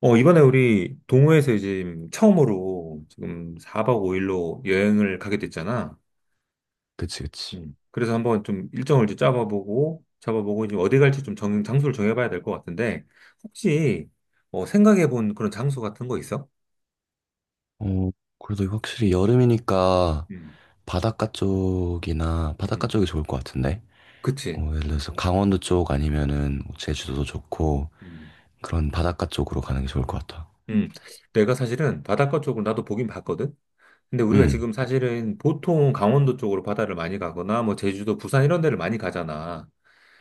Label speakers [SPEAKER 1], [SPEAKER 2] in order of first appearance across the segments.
[SPEAKER 1] 이번에 우리 동호회에서 이제 처음으로 지금 4박 5일로 여행을 가게 됐잖아.
[SPEAKER 2] 그치, 그치.
[SPEAKER 1] 음. 그래서 한번 좀 일정을 이제 잡아보고, 이제 어디 갈지 좀 장소를 정해봐야 될 것 같은데, 혹시 생각해본 그런 장소 같은 거 있어?
[SPEAKER 2] 어, 그래도 확실히 여름이니까
[SPEAKER 1] 음,
[SPEAKER 2] 바닷가 쪽이나 바닷가
[SPEAKER 1] 음.
[SPEAKER 2] 쪽이 좋을 것 같은데.
[SPEAKER 1] 그치.
[SPEAKER 2] 예를 들어서 강원도 쪽 아니면은 뭐 제주도도 좋고
[SPEAKER 1] 음,
[SPEAKER 2] 그런 바닷가 쪽으로 가는 게 좋을 것 같아.
[SPEAKER 1] 음. 내가 사실은 바닷가 쪽을 나도 보긴 봤거든? 근데 우리가
[SPEAKER 2] 음,
[SPEAKER 1] 지금 사실은 보통 강원도 쪽으로 바다를 많이 가거나, 뭐 제주도, 부산 이런 데를 많이 가잖아.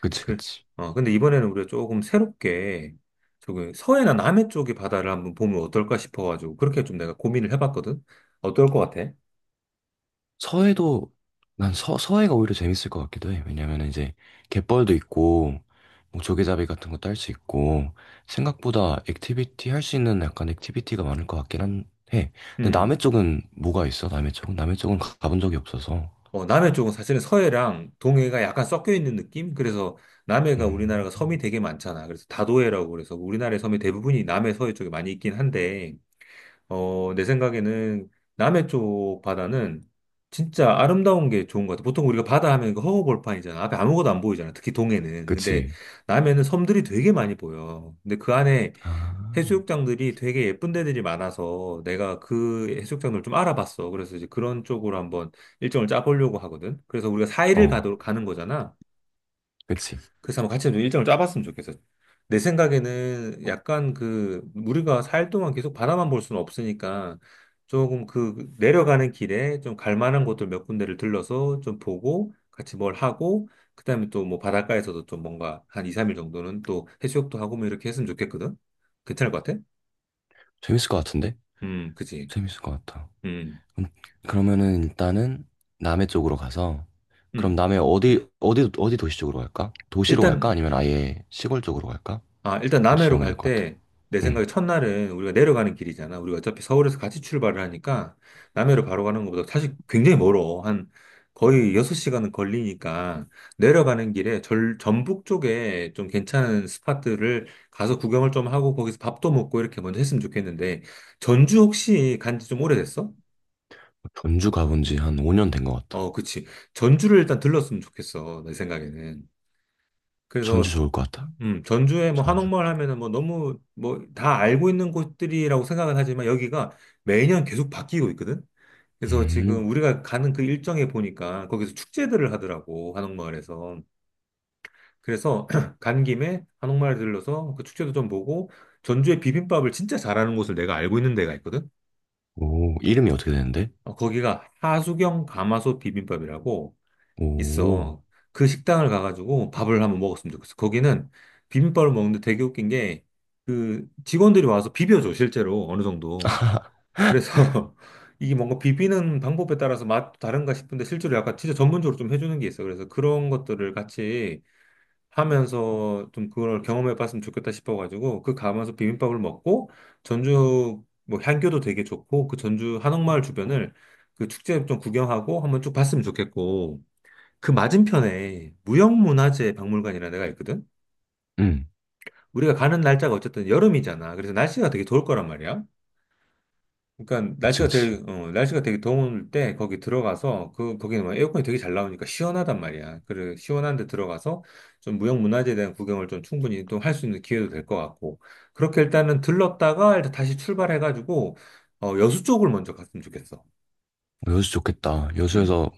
[SPEAKER 2] 그치,
[SPEAKER 1] 그래.
[SPEAKER 2] 그치.
[SPEAKER 1] 근데 이번에는 우리가 조금 새롭게 저기 서해나 남해 쪽의 바다를 한번 보면 어떨까 싶어가지고 그렇게 좀 내가 고민을 해봤거든. 어떨 것 같아?
[SPEAKER 2] 서해도 난 서해가 오히려 재밌을 것 같기도 해. 왜냐면 이제 갯벌도 있고 뭐 조개잡이 같은 것도 할 수 있고 생각보다 액티비티 할 수 있는 약간 액티비티가 많을 것 같긴 한 해. 근데 남해
[SPEAKER 1] 음.
[SPEAKER 2] 쪽은 뭐가 있어? 남해 쪽은 가본 적이 없어서.
[SPEAKER 1] 남해 쪽은 사실은 서해랑 동해가 약간 섞여 있는 느낌? 그래서 남해가
[SPEAKER 2] 음,
[SPEAKER 1] 우리나라가 섬이 되게 많잖아. 그래서 다도해라고 그래서 우리나라의 섬이 대부분이 남해 서해 쪽에 많이 있긴 한데 내 생각에는 남해 쪽 바다는 진짜 아름다운 게 좋은 것 같아. 보통 우리가 바다 하면 그 허허벌판이잖아. 앞에 아무것도 안 보이잖아. 특히 동해는. 근데
[SPEAKER 2] 그치.
[SPEAKER 1] 남해는 섬들이 되게 많이 보여. 근데 그 안에
[SPEAKER 2] 아,
[SPEAKER 1] 해수욕장들이 되게 예쁜 데들이 많아서 내가 그 해수욕장을 좀 알아봤어. 그래서 이제 그런 쪽으로 한번 일정을 짜보려고 하거든. 그래서 우리가 4일을
[SPEAKER 2] 어,
[SPEAKER 1] 가는 거잖아.
[SPEAKER 2] 그치.
[SPEAKER 1] 그래서 한번 같이 좀 일정을 짜봤으면 좋겠어. 내 생각에는 약간 그 우리가 살 동안 계속 바다만 볼 수는 없으니까 조금 그 내려가는 길에 좀 갈 만한 곳들 몇 군데를 들러서 좀 보고 같이 뭘 하고 그다음에 또 뭐 바닷가에서도 좀 뭔가 한 2, 3일 정도는 또 해수욕도 하고 뭐 이렇게 했으면 좋겠거든. 괜찮을 것 같아?
[SPEAKER 2] 재밌을 것 같은데?
[SPEAKER 1] 그치.
[SPEAKER 2] 재밌을 것 같아.
[SPEAKER 1] 음,
[SPEAKER 2] 음, 그러면은 일단은 남해 쪽으로 가서 그럼
[SPEAKER 1] 음.
[SPEAKER 2] 남해 어디 어디 어디 도시 쪽으로 갈까? 도시로 갈까?
[SPEAKER 1] 일단
[SPEAKER 2] 아니면 아예 시골 쪽으로 갈까?
[SPEAKER 1] 일단
[SPEAKER 2] 그것도
[SPEAKER 1] 남해로
[SPEAKER 2] 정해야 될
[SPEAKER 1] 갈
[SPEAKER 2] 것 같아.
[SPEAKER 1] 때, 내
[SPEAKER 2] 응.
[SPEAKER 1] 생각에 첫날은 우리가 내려가는 길이잖아. 우리가 어차피 서울에서 같이 출발을 하니까, 남해로 바로 가는 것보다 사실 굉장히 멀어. 한 거의 6시간은 걸리니까, 내려가는 길에 전북 쪽에 좀 괜찮은 스팟들을 가서 구경을 좀 하고, 거기서 밥도 먹고 이렇게 먼저 했으면 좋겠는데, 전주 혹시 간지 좀 오래됐어?
[SPEAKER 2] 전주 가본 지 한 5년 된 것 같아.
[SPEAKER 1] 그치. 전주를 일단 들렀으면 좋겠어. 내 생각에는. 그래서
[SPEAKER 2] 전주 좋을 것 같아.
[SPEAKER 1] 전주에 뭐
[SPEAKER 2] 전주
[SPEAKER 1] 한옥마을
[SPEAKER 2] 가자.
[SPEAKER 1] 하면은 뭐 너무 뭐 다 알고 있는 곳들이라고 생각은 하지만 여기가 매년 계속 바뀌고 있거든. 그래서 지금
[SPEAKER 2] 음.
[SPEAKER 1] 우리가 가는 그 일정에 보니까 거기서 축제들을 하더라고 한옥마을에서. 그래서 간 김에 한옥마을 들러서 그 축제도 좀 보고 전주의 비빔밥을 진짜 잘하는 곳을 내가 알고 있는 데가 있거든.
[SPEAKER 2] 오, 이름이 어떻게 되는데?
[SPEAKER 1] 거기가 하수경 가마솥 비빔밥이라고.
[SPEAKER 2] 오.
[SPEAKER 1] 있어. 그 식당을 가가지고 밥을 한번 먹었으면 좋겠어. 거기는 비빔밥을 먹는데 되게 웃긴 게, 그 직원들이 와서 비벼줘, 실제로. 어느 정도. 그래서 이게 뭔가 비비는 방법에 따라서 맛도 다른가 싶은데, 실제로 약간 진짜 전문적으로 좀 해주는 게 있어. 그래서 그런 것들을 같이 하면서 좀 그걸 경험해 봤으면 좋겠다 싶어가지고, 그 가면서 비빔밥을 먹고, 전주 뭐 향교도 되게 좋고, 그 전주 한옥마을 주변을 그 축제 좀 구경하고 한번 쭉 봤으면 좋겠고, 그 맞은편에 무형문화재 박물관이라는 데가 있거든?
[SPEAKER 2] 응.
[SPEAKER 1] 우리가 가는 날짜가 어쨌든 여름이잖아. 그래서 날씨가 되게 좋을 거란 말이야. 그러니까
[SPEAKER 2] 그치, 그치.
[SPEAKER 1] 날씨가 되게 더울 때 거기 들어가서 그, 거기는 뭐 에어컨이 되게 잘 나오니까 시원하단 말이야. 그래, 시원한 데 들어가서 좀 무형문화재에 대한 구경을 좀 충분히 또 할 수 있는 기회도 될 것 같고. 그렇게 일단은 들렀다가 일단 다시 출발해가지고, 여수 쪽을 먼저 갔으면 좋겠어.
[SPEAKER 2] 여수 좋겠다.
[SPEAKER 1] 음,
[SPEAKER 2] 여수에서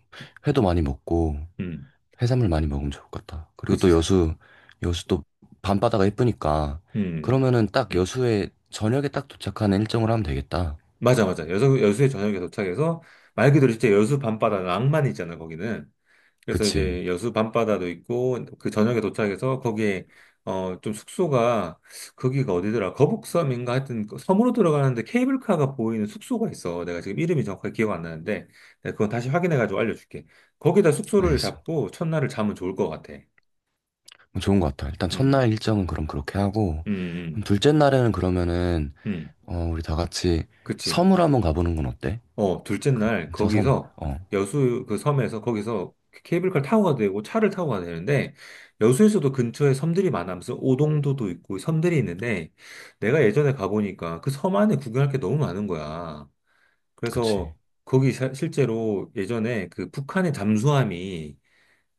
[SPEAKER 2] 회도 많이 먹고
[SPEAKER 1] 음,
[SPEAKER 2] 해산물 많이 먹으면 좋을 것 같다. 그리고 또
[SPEAKER 1] 그치.
[SPEAKER 2] 여수 또 밤바다가 예쁘니까
[SPEAKER 1] 음.
[SPEAKER 2] 그러면은 딱 여수에 저녁에 딱 도착하는 일정을 하면 되겠다.
[SPEAKER 1] 맞아, 맞아. 여수에 저녁에 도착해서, 말 그대로 진짜 여수 밤바다 낭만이 있잖아, 거기는. 그래서
[SPEAKER 2] 그치.
[SPEAKER 1] 이제 여수 밤바다도 있고, 그 저녁에 도착해서 거기에, 좀 숙소가, 거기가 어디더라? 거북섬인가? 하여튼, 그 섬으로 들어가는데 케이블카가 보이는 숙소가 있어. 내가 지금 이름이 정확하게 기억 안 나는데, 내가 그건 다시 확인해가지고 알려줄게. 거기다 숙소를
[SPEAKER 2] 알겠어.
[SPEAKER 1] 잡고 첫날을 자면 좋을 것 같아.
[SPEAKER 2] 그럼 좋은 것 같아. 일단
[SPEAKER 1] 음,
[SPEAKER 2] 첫날 일정은 그럼 그렇게 하고
[SPEAKER 1] 음,
[SPEAKER 2] 그럼
[SPEAKER 1] 음,
[SPEAKER 2] 둘째 날에는 그러면은
[SPEAKER 1] 음.
[SPEAKER 2] 우리 다 같이
[SPEAKER 1] 그치.
[SPEAKER 2] 섬을 한번 가보는 건 어때?
[SPEAKER 1] 둘째 날
[SPEAKER 2] 저 섬.
[SPEAKER 1] 거기서 여수 그 섬에서 거기서 케이블카를 타고 가도 되고 차를 타고 가도 되는데 여수에서도 근처에 섬들이 많아서 오동도도 있고 섬들이 있는데 내가 예전에 가보니까 그 섬 안에 구경할 게 너무 많은 거야.
[SPEAKER 2] 그치.
[SPEAKER 1] 그래서 거기 실제로 예전에 그 북한의 잠수함이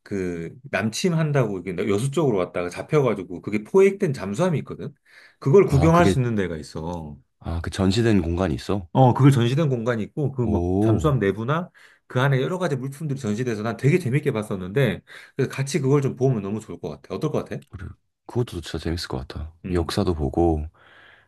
[SPEAKER 1] 그 남침한다고 이게 여수 쪽으로 왔다가 잡혀가지고 그게 포획된 잠수함이 있거든. 그걸
[SPEAKER 2] 아,
[SPEAKER 1] 구경할
[SPEAKER 2] 그게
[SPEAKER 1] 수 있는 데가 있어.
[SPEAKER 2] 아, 그 전시된 공간이 있어?
[SPEAKER 1] 그걸 전시된 공간이 있고, 그 뭐,
[SPEAKER 2] 오,
[SPEAKER 1] 잠수함 내부나 그 안에 여러 가지 물품들이 전시돼서 난 되게 재밌게 봤었는데, 그래서 같이 그걸 좀 보면 너무 좋을 것 같아. 어떨 것 같아?
[SPEAKER 2] 그래. 그것도 진짜 재밌을 것 같아.
[SPEAKER 1] 음,
[SPEAKER 2] 역사도 보고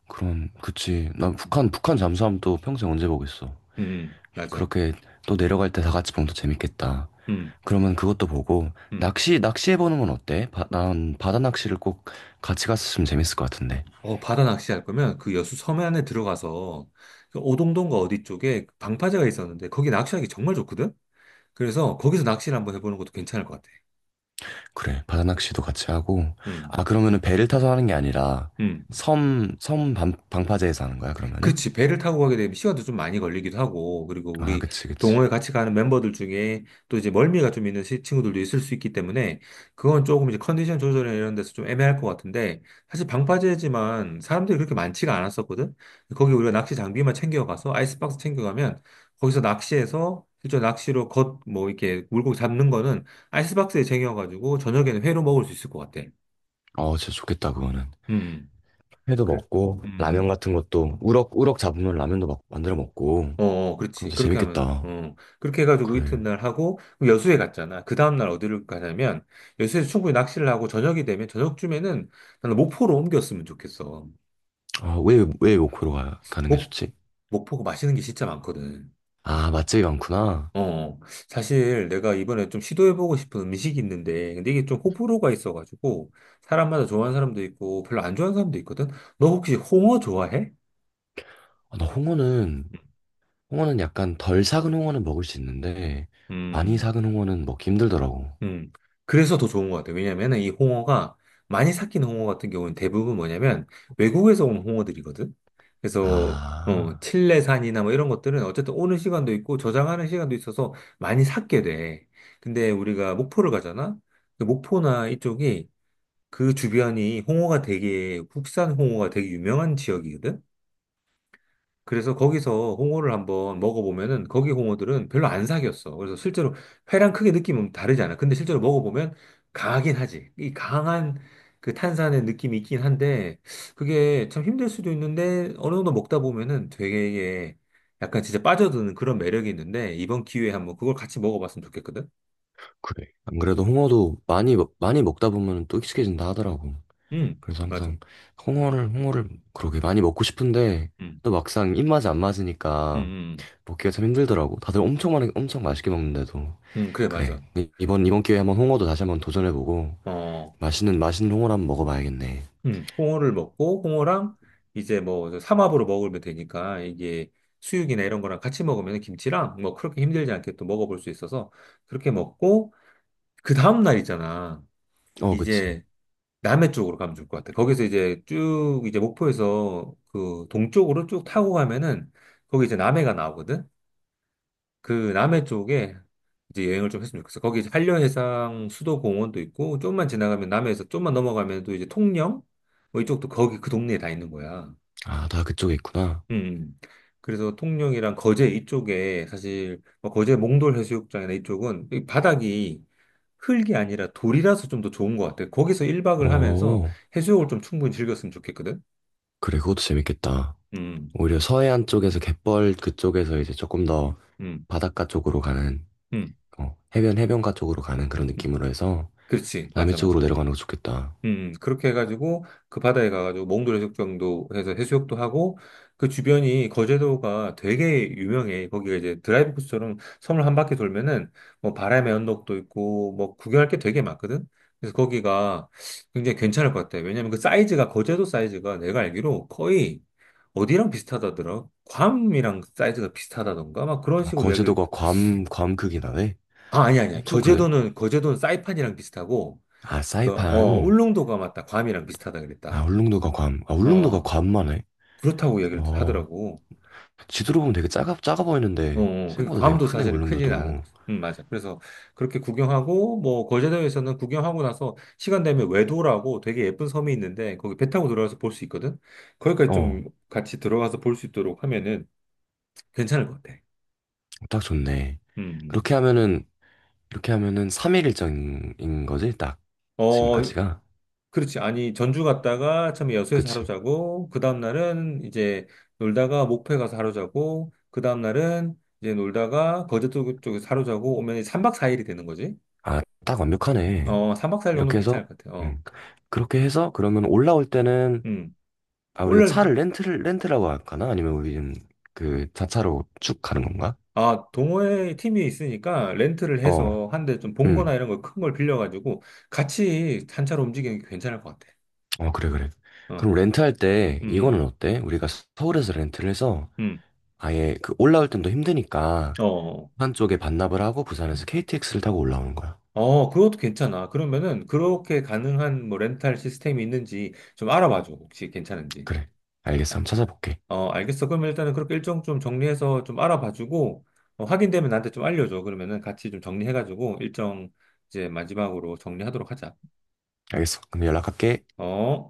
[SPEAKER 2] 그럼 그치. 난
[SPEAKER 1] 음,
[SPEAKER 2] 북한 잠수함 또 평생 언제 보겠어.
[SPEAKER 1] 맞아.
[SPEAKER 2] 그렇게 또 내려갈 때 다 같이 보면 더 재밌겠다.
[SPEAKER 1] 음,
[SPEAKER 2] 그러면 그것도 보고
[SPEAKER 1] 음.
[SPEAKER 2] 낚시 해보는 건 어때? 난 바다 낚시를 꼭 같이 갔으면 재밌을 것 같은데.
[SPEAKER 1] 바다 낚시할 거면 그 여수 섬에 안에 들어가서 그 오동동과 어디 쪽에 방파제가 있었는데, 거기 낚시하기 정말 좋거든? 그래서 거기서 낚시를 한번 해보는 것도 괜찮을 것 같아.
[SPEAKER 2] 그래, 바다 낚시도 같이 하고.
[SPEAKER 1] 음,
[SPEAKER 2] 아 그러면은 배를 타서 하는 게 아니라
[SPEAKER 1] 음.
[SPEAKER 2] 섬 방파제에서 하는 거야 그러면은?
[SPEAKER 1] 그치. 배를 타고 가게 되면 시간도 좀 많이 걸리기도 하고, 그리고
[SPEAKER 2] 아
[SPEAKER 1] 우리
[SPEAKER 2] 그치 그치.
[SPEAKER 1] 동호회 같이 가는 멤버들 중에 또 이제 멀미가 좀 있는 친구들도 있을 수 있기 때문에, 그건 조금 이제 컨디션 조절이나 이런 데서 좀 애매할 것 같은데, 사실 방파제지만 사람들이 그렇게 많지가 않았었거든? 거기 우리가 낚시 장비만 챙겨가서, 아이스박스 챙겨가면, 거기서 낚시해서, 실제 낚시로 뭐, 이렇게 물고기 잡는 거는 아이스박스에 쟁여가지고, 저녁에는 회로 먹을 수 있을 것 같아.
[SPEAKER 2] 어 진짜 좋겠다 그거는.
[SPEAKER 1] 음.
[SPEAKER 2] 회도
[SPEAKER 1] 그래.
[SPEAKER 2] 먹고 라면
[SPEAKER 1] 음.
[SPEAKER 2] 같은 것도 우럭 잡으면 라면도 막 만들어
[SPEAKER 1] 어,
[SPEAKER 2] 먹고. 그럼
[SPEAKER 1] 그렇지.
[SPEAKER 2] 진짜
[SPEAKER 1] 그렇게 하면,
[SPEAKER 2] 재밌겠다.
[SPEAKER 1] 어. 그렇게 해가지고
[SPEAKER 2] 그래.
[SPEAKER 1] 이튿날 하고, 그럼 여수에 갔잖아. 그 다음날 어디를 가냐면, 여수에서 충분히 낚시를 하고, 저녁이 되면, 저녁쯤에는 나는 목포로 옮겼으면 좋겠어.
[SPEAKER 2] 아, 왜 목포로 가는 게
[SPEAKER 1] 목,
[SPEAKER 2] 좋지?
[SPEAKER 1] 목포가 맛있는 게 진짜 많거든.
[SPEAKER 2] 아, 맛집이 많구나.
[SPEAKER 1] 어, 사실 내가 이번에 좀 시도해보고 싶은 음식이 있는데, 근데 이게 좀 호불호가 있어가지고, 사람마다 좋아하는 사람도 있고, 별로 안 좋아하는 사람도 있거든? 너 혹시 홍어 좋아해?
[SPEAKER 2] 아, 나 홍어는, 홍어는 약간 덜 삭은 홍어는 먹을 수 있는데, 많이
[SPEAKER 1] 음.
[SPEAKER 2] 삭은 홍어는 먹기 힘들더라고.
[SPEAKER 1] 음. 그래서 더 좋은 것 같아요. 왜냐면은 이 홍어가 많이 삭힌 홍어 같은 경우는 대부분 뭐냐면 외국에서 온 홍어들이거든. 그래서
[SPEAKER 2] 아,
[SPEAKER 1] 칠레산이나 뭐 이런 것들은 어쨌든 오는 시간도 있고 저장하는 시간도 있어서 많이 삭게 돼. 근데 우리가 목포를 가잖아. 그 목포나 이쪽이 그 주변이 홍어가 되게 국산 홍어가 되게 유명한 지역이거든. 그래서 거기서 홍어를 한번 먹어보면은 거기 홍어들은 별로 안 사겼어. 그래서 실제로 회랑 크게 느낌은 다르지 않아. 근데 실제로 먹어보면 강하긴 하지. 이 강한 그 탄산의 느낌이 있긴 한데 그게 참 힘들 수도 있는데 어느 정도 먹다 보면은 되게 약간 진짜 빠져드는 그런 매력이 있는데 이번 기회에 한번 그걸 같이 먹어봤으면 좋겠거든.
[SPEAKER 2] 그래. 안 그래도 홍어도 많이, 많이 먹다 보면 또 익숙해진다 하더라고.
[SPEAKER 1] 음,
[SPEAKER 2] 그래서
[SPEAKER 1] 맞아.
[SPEAKER 2] 항상 홍어를 그렇게 많이 먹고 싶은데,
[SPEAKER 1] 음,
[SPEAKER 2] 또 막상 입맛이 안
[SPEAKER 1] 음,
[SPEAKER 2] 맞으니까
[SPEAKER 1] 음,
[SPEAKER 2] 먹기가 참 힘들더라고. 다들 엄청 많이, 엄청 맛있게 먹는데도.
[SPEAKER 1] 그래,
[SPEAKER 2] 그래.
[SPEAKER 1] 맞아.
[SPEAKER 2] 이번 기회에 한번 홍어도 다시 한번 도전해보고,
[SPEAKER 1] 어.
[SPEAKER 2] 맛있는 홍어를 한번 먹어봐야겠네.
[SPEAKER 1] 홍어를 먹고 홍어랑 이제 뭐 삼합으로 먹으면 되니까 이게 수육이나 이런 거랑 같이 먹으면 김치랑 뭐 그렇게 힘들지 않게 또 먹어볼 수 있어서 그렇게 먹고 그 다음 날 있잖아.
[SPEAKER 2] 어, 그치.
[SPEAKER 1] 이제 남해 쪽으로 가면 좋을 것 같아. 거기서 이제 쭉 이제 목포에서 그 동쪽으로 쭉 타고 가면은 거기 이제 남해가 나오거든. 그 남해 쪽에 이제 여행을 좀 했으면 좋겠어. 거기 이제 한려해상 수도공원도 있고, 좀만 지나가면 남해에서 좀만 넘어가면 또 이제 통영? 뭐 이쪽도 거기 그 동네에 다 있는 거야.
[SPEAKER 2] 아, 다 그쪽에 있구나.
[SPEAKER 1] 음. 음. 그래서 통영이랑 거제 이쪽에 사실 뭐 거제 몽돌 해수욕장이나 이쪽은 이 바닥이 흙이 아니라 돌이라서 좀 더 좋은 것 같아. 거기서 1박을 하면서
[SPEAKER 2] 어,
[SPEAKER 1] 해수욕을 좀 충분히 즐겼으면 좋겠거든.
[SPEAKER 2] 그래, 그것도 재밌겠다.
[SPEAKER 1] 음,
[SPEAKER 2] 오히려 서해안 쪽에서 갯벌 그쪽에서 이제 조금 더
[SPEAKER 1] 음,
[SPEAKER 2] 바닷가 쪽으로 가는,
[SPEAKER 1] 음.
[SPEAKER 2] 어, 해변가 쪽으로 가는 그런
[SPEAKER 1] 음.
[SPEAKER 2] 느낌으로 해서
[SPEAKER 1] 그렇지.
[SPEAKER 2] 남해
[SPEAKER 1] 맞아, 맞아.
[SPEAKER 2] 쪽으로 내려가는 거 좋겠다.
[SPEAKER 1] 그렇게 해가지고 그 바다에 가가지고 몽돌 해수욕장도 해서 해수욕도 하고 그 주변이 거제도가 되게 유명해. 거기가 이제 드라이브 코스처럼 섬을 한 바퀴 돌면은 뭐 바람의 언덕도 있고 뭐 구경할 게 되게 많거든. 그래서 거기가 굉장히 괜찮을 것 같아. 왜냐면 그 사이즈가 거제도 사이즈가 내가 알기로 거의 어디랑 비슷하다더라. 괌이랑 사이즈가 비슷하다던가 막 그런
[SPEAKER 2] 아,
[SPEAKER 1] 식으로 얘기를
[SPEAKER 2] 거제도가 괌 크기나 네
[SPEAKER 1] 아니 아니
[SPEAKER 2] 엄청 크네.
[SPEAKER 1] 거제도는 사이판이랑 비슷하고
[SPEAKER 2] 아, 사이판.
[SPEAKER 1] 울릉도가 맞다. 괌이랑 비슷하다
[SPEAKER 2] 아,
[SPEAKER 1] 그랬다.
[SPEAKER 2] 울릉도가 괌. 아, 울릉도가
[SPEAKER 1] 어,
[SPEAKER 2] 괌만 해.
[SPEAKER 1] 그렇다고 이야기를
[SPEAKER 2] 어,
[SPEAKER 1] 하더라고.
[SPEAKER 2] 지도로 보면 되게 작아 보이는데
[SPEAKER 1] 그러니까
[SPEAKER 2] 생각보다 되게
[SPEAKER 1] 괌도
[SPEAKER 2] 크네,
[SPEAKER 1] 사실은 크지는 않은
[SPEAKER 2] 울릉도도.
[SPEAKER 1] 거죠. 맞아. 그래서 그렇게 구경하고, 뭐, 거제도에서는 구경하고 나서 시간 되면 외도라고 되게 예쁜 섬이 있는데, 거기 배 타고 들어가서 볼 수 있거든? 거기까지
[SPEAKER 2] 어.
[SPEAKER 1] 좀 같이 들어가서 볼 수 있도록 하면은 괜찮을 것 같아.
[SPEAKER 2] 딱 좋네.
[SPEAKER 1] 음. 음.
[SPEAKER 2] 이렇게 하면은, 이렇게 하면은 3일 일정인 거지? 딱.
[SPEAKER 1] 어,
[SPEAKER 2] 지금까지가.
[SPEAKER 1] 그렇지. 아니, 전주 갔다가 처음에 여수에서 하루
[SPEAKER 2] 그치.
[SPEAKER 1] 자고, 그 다음날은 이제 놀다가 목포에 가서 하루 자고, 그 다음날은 이제 놀다가 거제도 쪽에서 하루 자고 오면 3박 4일이 되는 거지.
[SPEAKER 2] 아, 딱 완벽하네.
[SPEAKER 1] 3박 4일 정도는
[SPEAKER 2] 이렇게 해서,
[SPEAKER 1] 괜찮을 것 같아요.
[SPEAKER 2] 음. 그렇게 해서, 그러면 올라올 때는,
[SPEAKER 1] 음.
[SPEAKER 2] 아, 우리가
[SPEAKER 1] 원래,
[SPEAKER 2] 차를 렌트라고 할까나? 아니면 우리는 그 자차로 쭉 가는 건가?
[SPEAKER 1] 동호회 팀이 있으니까 렌트를
[SPEAKER 2] 어,
[SPEAKER 1] 해서 한 대 좀 봉고나
[SPEAKER 2] 음.
[SPEAKER 1] 이런 거 큰 걸 빌려가지고 같이 단차로 움직이는 게 괜찮을 것 같아.
[SPEAKER 2] 어, 그래, 그래.
[SPEAKER 1] 어,
[SPEAKER 2] 그럼 렌트할 때,
[SPEAKER 1] 음,
[SPEAKER 2] 이거는 어때? 우리가 서울에서 렌트를 해서,
[SPEAKER 1] 음,
[SPEAKER 2] 아예 그 올라올 땐 더 힘드니까,
[SPEAKER 1] 어.
[SPEAKER 2] 부산 쪽에 반납을 하고, 부산에서 KTX를 타고 올라오는 거야.
[SPEAKER 1] 그것도 괜찮아. 그러면은 그렇게 가능한 뭐 렌탈 시스템이 있는지 좀 알아봐줘. 혹시 괜찮은지.
[SPEAKER 2] 그래. 알겠어. 한번 찾아볼게.
[SPEAKER 1] 알겠어. 그러면 일단은 그렇게 일정 좀 정리해서 좀 알아봐주고 확인되면 나한테 좀 알려줘. 그러면은 같이 좀 정리해가지고 일정 이제 마지막으로 정리하도록 하자.
[SPEAKER 2] 알겠어. 그럼 연락할게.
[SPEAKER 1] 어?